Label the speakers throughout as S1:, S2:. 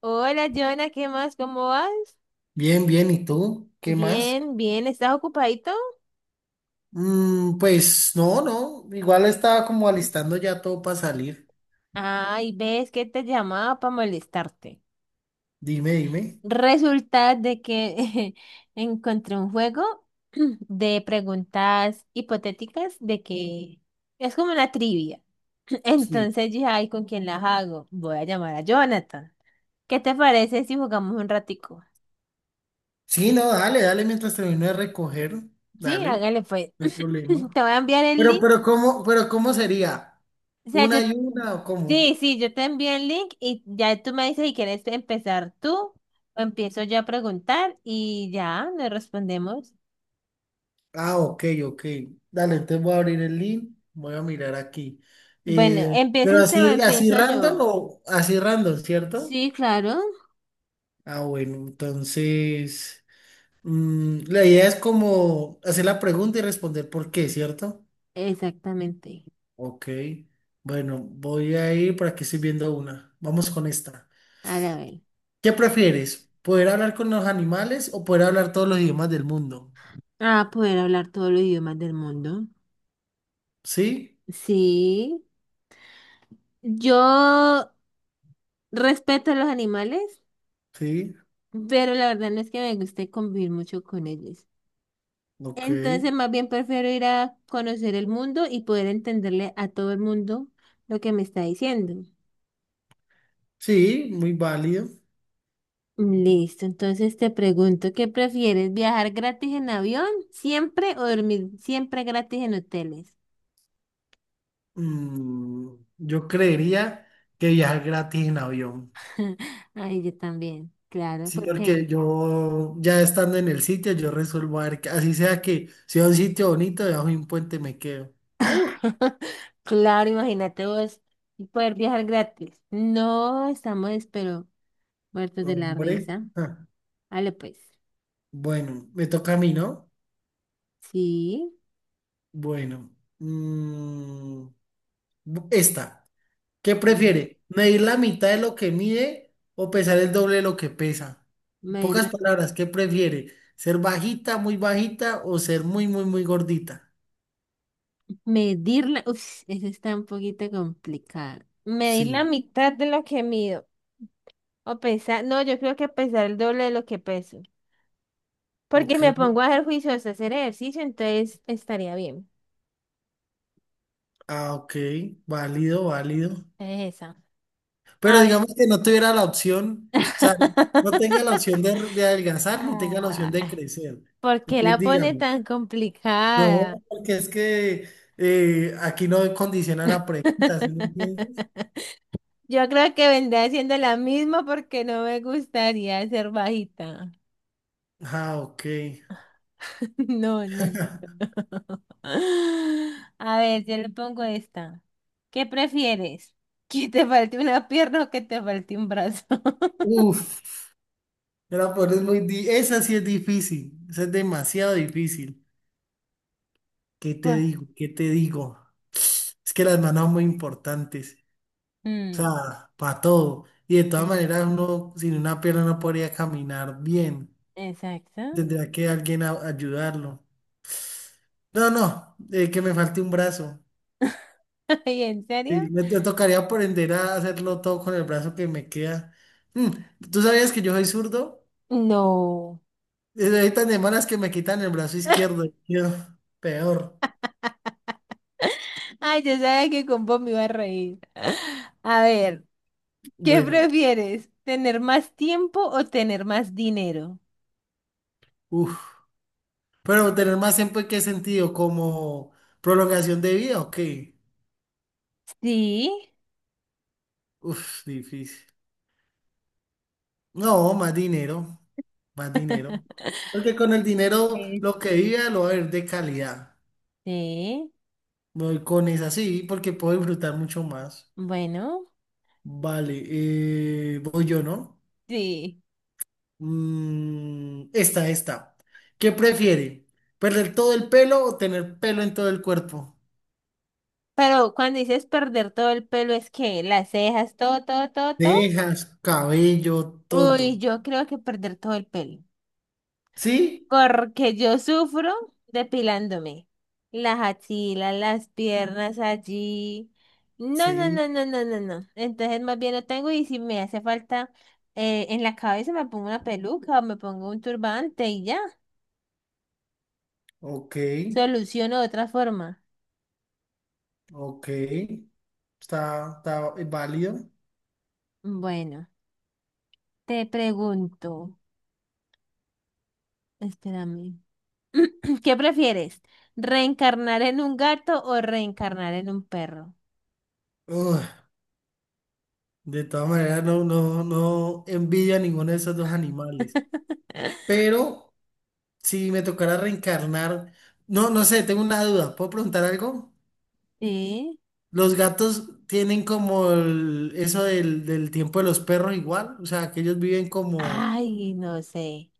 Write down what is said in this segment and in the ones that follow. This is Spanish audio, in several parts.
S1: Hola, Jonah, ¿qué más? ¿Cómo vas?
S2: Bien, bien, ¿y tú? ¿Qué más?
S1: Bien, bien, ¿estás ocupadito?
S2: Pues no, no, igual estaba como alistando ya todo para salir.
S1: Ay, ves que te llamaba para molestarte.
S2: Dime, dime.
S1: Resulta de que encontré un juego de preguntas hipotéticas de que es como una trivia.
S2: Sí.
S1: Entonces dije, ay, ¿con quién las hago? Voy a llamar a Jonathan. ¿Qué te parece si jugamos un ratico?
S2: Sí, no, dale, dale mientras termino de recoger.
S1: Sí,
S2: Dale,
S1: hágale pues.
S2: no hay problema.
S1: Te voy a enviar el
S2: Pero,
S1: link.
S2: pero ¿cómo, pero cómo sería?
S1: O sea, yo,
S2: ¿Una y una o cómo?
S1: sí, sí, yo te envío el link y ya tú me dices si quieres empezar tú o empiezo yo a preguntar y ya nos respondemos.
S2: Ah, ok, ok. Dale, entonces voy a abrir el link, voy a mirar aquí.
S1: Bueno,
S2: Eh,
S1: ¿empieza
S2: pero
S1: usted o
S2: así, así
S1: empiezo
S2: random
S1: yo?
S2: o así random, ¿cierto?
S1: Sí, claro,
S2: Ah, bueno, entonces. La idea es como hacer la pregunta y responder por qué, ¿cierto?
S1: exactamente.
S2: Ok. Bueno, voy a ir por aquí, estoy viendo una. Vamos con esta.
S1: Ahora ver.
S2: ¿Qué prefieres? ¿Poder hablar con los animales o poder hablar todos los idiomas del mundo?
S1: Ah, poder hablar todos los idiomas del mundo.
S2: Sí,
S1: Sí, yo respeto a los animales,
S2: sí,
S1: pero la verdad no es que me guste convivir mucho con ellos.
S2: ok.
S1: Entonces, más bien prefiero ir a conocer el mundo y poder entenderle a todo el mundo lo que me está diciendo.
S2: Sí, muy válido.
S1: Listo, entonces te pregunto, ¿qué prefieres? ¿Viajar gratis en avión siempre o dormir siempre gratis en hoteles?
S2: Mm, yo creería que viajar gratis en avión.
S1: Ay, yo también, claro,
S2: Sí,
S1: ¿por qué?
S2: porque yo ya estando en el sitio, yo resuelvo a ver, que- así sea que sea un sitio bonito, debajo de un puente me quedo. Uh,
S1: Claro, imagínate vos poder viajar gratis. No, estamos, espero, muertos de la
S2: Hombre,
S1: risa. Vale, pues,
S2: bueno, me toca a mí, ¿no?
S1: sí,
S2: Bueno, mm, bu- esta, ¿qué
S1: ay,
S2: prefiere? ¿Medir la mitad de lo que mide o pesar el doble de lo que pesa? En
S1: me- irlo.
S2: pocas palabras, ¿qué prefiere? ¿Ser bajita, muy bajita o ser muy, muy, muy gordita?
S1: Medir la... Uf, eso está un poquito complicado. Medir la
S2: Sí,
S1: mitad de lo que mido. O pesar... No, yo creo que pesar el doble de lo que peso. Porque
S2: ok,
S1: me pongo a hacer juicios, a hacer ejercicio, entonces estaría bien.
S2: ah, ok, válido, válido.
S1: Es esa.
S2: Pero
S1: A ver.
S2: digamos que no tuviera la opción, o sea, no tenga la opción de adelgazar ni tenga la
S1: Ah,
S2: opción de crecer.
S1: ¿por qué
S2: Entonces,
S1: la pone
S2: dígame.
S1: tan
S2: No,
S1: complicada?
S2: porque es que aquí no condicionan la pregunta, ¿sí me entiendes?
S1: Yo creo que vendré haciendo la misma porque no me gustaría ser bajita.
S2: Ah, ok.
S1: No, no, no, no. A ver, yo le pongo esta. ¿Qué prefieres? ¿Que te falte una pierna o que te falte un brazo?
S2: Uf, la peor es muy di- esa sí es difícil, esa es demasiado difícil. ¿Qué te
S1: Pues,
S2: digo? ¿Qué te digo? Es que las manos son muy importantes, o
S1: mm,
S2: sea, para todo. Y de todas
S1: sí,
S2: maneras uno sin una pierna no podría caminar bien.
S1: exacto.
S2: Tendría que alguien a- ayudarlo. No, no, que me falte un brazo.
S1: ¿Y en serio?
S2: Sí, me tocaría aprender a hacerlo todo con el brazo que me queda. Mm, ¿Tú sabías que yo soy zurdo?
S1: No.
S2: Hay tan de malas que me quitan el brazo izquierdo, y quedo peor.
S1: Ay, yo sabía que con vos me iba a reír. A ver, ¿qué
S2: Bueno,
S1: prefieres? ¿Tener más tiempo o tener más dinero?
S2: uff. Pero tener más tiempo en qué sentido, como prolongación de vida, ok.
S1: Sí.
S2: Uf, difícil. No, más dinero. Más dinero. Porque con el dinero lo
S1: Esto.
S2: que viva lo va a ver de calidad.
S1: Sí.
S2: Voy con esa sí, porque puedo disfrutar mucho más.
S1: Bueno.
S2: Vale, voy yo, ¿no?
S1: Sí.
S2: Esta, esta. ¿Qué prefiere? ¿Perder todo el pelo o tener pelo en todo el cuerpo?
S1: Pero cuando dices perder todo el pelo, es que las cejas, todo, todo, todo, todo.
S2: Dejas, cabello, todo.
S1: Uy, yo creo que perder todo el pelo.
S2: ¿Sí?
S1: Porque yo sufro depilándome. Las axilas, las piernas allí. No, no,
S2: Sí.
S1: no, no, no, no, no. Entonces más bien lo tengo y si me hace falta en la cabeza me pongo una peluca o me pongo un turbante y ya.
S2: Ok,
S1: Soluciono de otra forma.
S2: ok. Está, está válido.
S1: Bueno, te pregunto. Espérame. ¿Qué prefieres? ¿Reencarnar en un gato o reencarnar en un perro?
S2: Ugh, de todas maneras, no, no, no envidio a ninguno de esos dos animales. Pero si me tocara reencarnar, no, no sé, tengo una duda. ¿Puedo preguntar algo?
S1: ¿Sí?
S2: Los gatos tienen como el- eso del, del tiempo de los perros igual, o sea, que ellos viven como,
S1: Ay, no sé.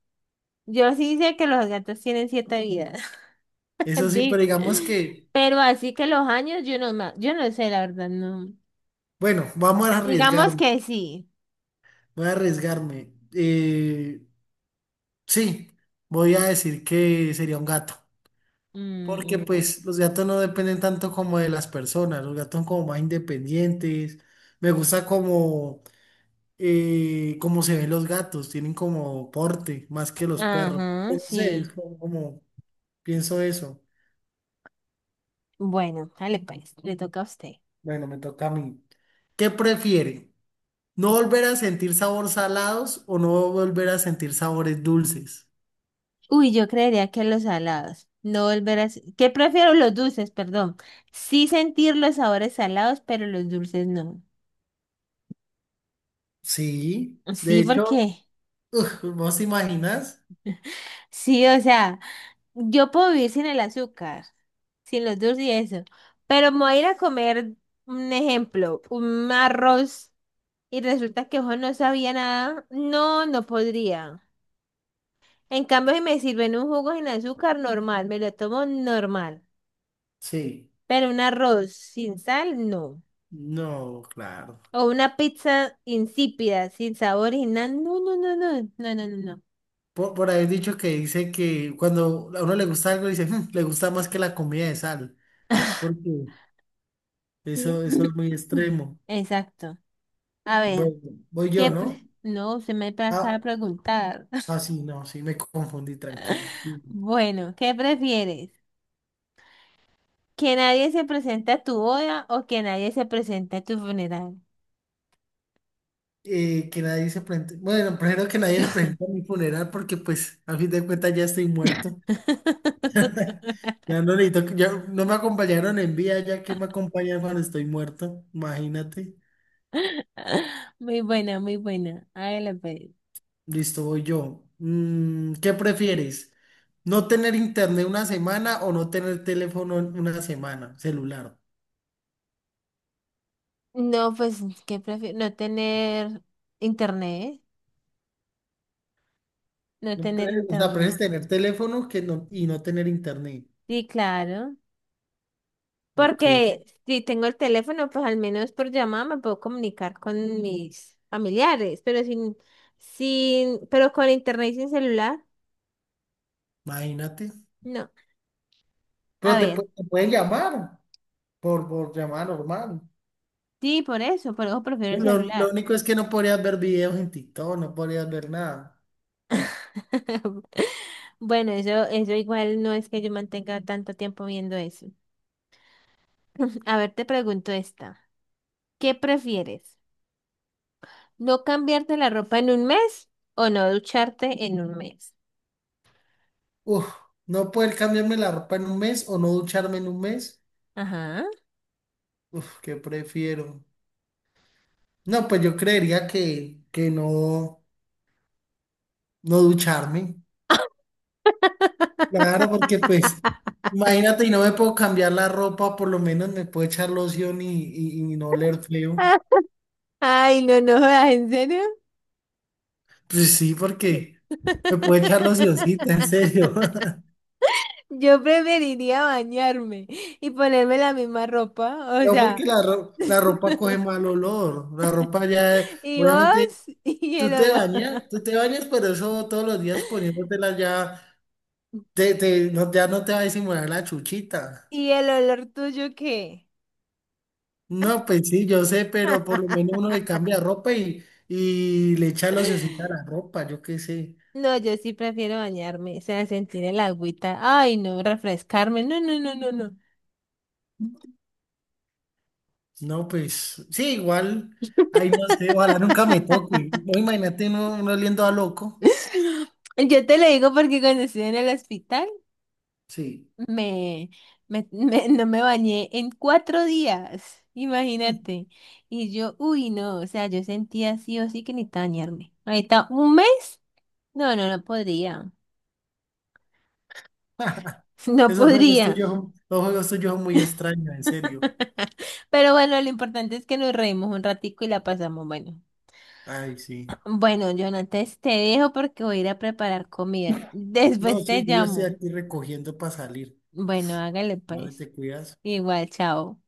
S1: Yo sí sé que los gatos tienen siete vidas.
S2: eso sí, pero
S1: Di-
S2: digamos que,
S1: pero así que los años, yo no, ma- yo no sé, la verdad, no.
S2: bueno, vamos a
S1: Digamos
S2: arriesgarme,
S1: que sí.
S2: voy a arriesgarme. Sí, voy a decir que sería un gato, porque
S1: Mm, mm,
S2: pues los gatos no dependen tanto como de las personas, los gatos son como más independientes, me gusta como, cómo se ven los gatos, tienen como porte más que los perros,
S1: ajá,
S2: no sé, es
S1: sí.
S2: como pienso eso.
S1: Bueno, dale pues, le toca a usted.
S2: Bueno, me toca a mí. ¿Qué prefiere? ¿No volver a sentir sabores salados o no volver a sentir sabores dulces?
S1: Uy, yo creería que los salados. No volver a... ¿Qué prefiero? Los dulces, perdón. Sí sentir los sabores salados, pero los dulces no.
S2: Sí, de
S1: Sí,
S2: hecho,
S1: porque...
S2: ¿vos te imaginas?
S1: sí, o sea, yo puedo vivir sin el azúcar, sin los dulces y eso. Pero me voy a ir a comer, un ejemplo, un arroz y resulta que ojo no sabía nada. No, no podría. En cambio, si me sirven un jugo sin azúcar, normal, me lo tomo normal.
S2: Sí,
S1: Pero un arroz sin sal, no.
S2: no, claro.
S1: O una pizza insípida, sin sabor y nada. No, no, no, no, no, no, no, no.
S2: Por haber dicho que dice que cuando a uno le gusta algo, dice, "Mm, le gusta más que la comida de sal. Es porque
S1: Sí.
S2: eso es muy extremo.
S1: Exacto. A
S2: Voy,
S1: ver,
S2: voy yo,
S1: ¿qué
S2: ¿no?
S1: pre- no, se me acaba
S2: Ah,
S1: de preguntar.
S2: ah, sí, no, sí, me confundí, tranquila.
S1: Bueno, ¿qué prefieres? ¿Que nadie se presente a tu boda o que nadie se presente a tu funeral?
S2: Que nadie se presente. Bueno, primero que nadie se presente a mi funeral porque pues a fin de cuentas ya estoy muerto. Ya no necesito, que- ya no me acompañaron en vida, ya que me acompañan cuando estoy muerto. Imagínate.
S1: Muy buena, muy buena. Hágala pues.
S2: Listo, voy yo. ¿Qué prefieres? ¿No tener internet una semana o no tener teléfono en una semana, celular?
S1: No, pues, ¿qué prefiero? No tener internet. No
S2: No
S1: tener
S2: pre- O sea,
S1: internet.
S2: prefieres tener teléfono que no, y no tener internet.
S1: Sí, claro.
S2: Ok,
S1: Porque si tengo el teléfono, pues al menos por llamada me puedo comunicar con mis familiares, pero sin, pero con internet y sin celular,
S2: imagínate.
S1: no. A ver,
S2: Te pueden llamar por llamada normal.
S1: sí, por eso prefiero el
S2: Lo
S1: celular.
S2: único es que no podrías ver videos en TikTok, no podrías ver nada.
S1: Bueno, eso igual no es que yo mantenga tanto tiempo viendo eso. A ver, te pregunto esta. ¿Qué prefieres? ¿No cambiarte la ropa en un mes o no ducharte en un mes?
S2: Uf, no poder cambiarme la ropa en un mes o no ducharme en un mes.
S1: Ajá.
S2: Uf, ¿qué prefiero? No, pues yo creería que no, no ducharme. Claro, porque pues, imagínate, y no me puedo cambiar la ropa, por lo menos me puedo echar loción y, y no oler feo.
S1: Ay, no, no, jodas, ¿en serio?
S2: Pues sí, porque me puedo echar locioncita, en serio.
S1: Yo preferiría bañarme y ponerme la misma ropa, o
S2: No, porque
S1: sea,
S2: ro- la ropa coge mal olor. La ropa ya,
S1: y
S2: obviamente.
S1: vos y el olor,
S2: Tú te bañas, pero eso todos los días poniéndotela ya, te- no, ya no te va a disimular la chuchita.
S1: y el olor tuyo qué.
S2: No, pues sí, yo sé, pero por lo menos uno le cambia ropa y, le echa locioncita a la ropa, yo qué sé.
S1: No, yo sí prefiero bañarme, o sea, sentir el agüita, ay, no, refrescarme, no, no, no, no, no.
S2: No, pues sí, igual, ahí no sé, ojalá nunca me toque. No, imagínate uno, uno oliendo a loco.
S1: Yo te lo digo porque cuando estuve en el hospital,
S2: Sí.
S1: Me, me, me- no me bañé en 4 días,
S2: Mm,
S1: imagínate. Y yo, uy, no, o sea, yo sentía sí o sí que necesitaba bañarme. Ahorita, ¿un mes? No, no, no podría. No
S2: Esos juegos
S1: podría.
S2: tuyos, son- los juegos tuyos son muy extraños, en serio.
S1: Pero bueno, lo importante es que nos reímos un ratico y la pasamos bueno.
S2: Ay, sí.
S1: Bueno, Jonates, te dejo porque voy a ir a preparar comida.
S2: No,
S1: Después te
S2: sí, yo ya estoy
S1: llamo.
S2: aquí recogiendo para salir.
S1: Bueno, hágale
S2: Vale,
S1: pues.
S2: te cuidas.
S1: Igual, chao.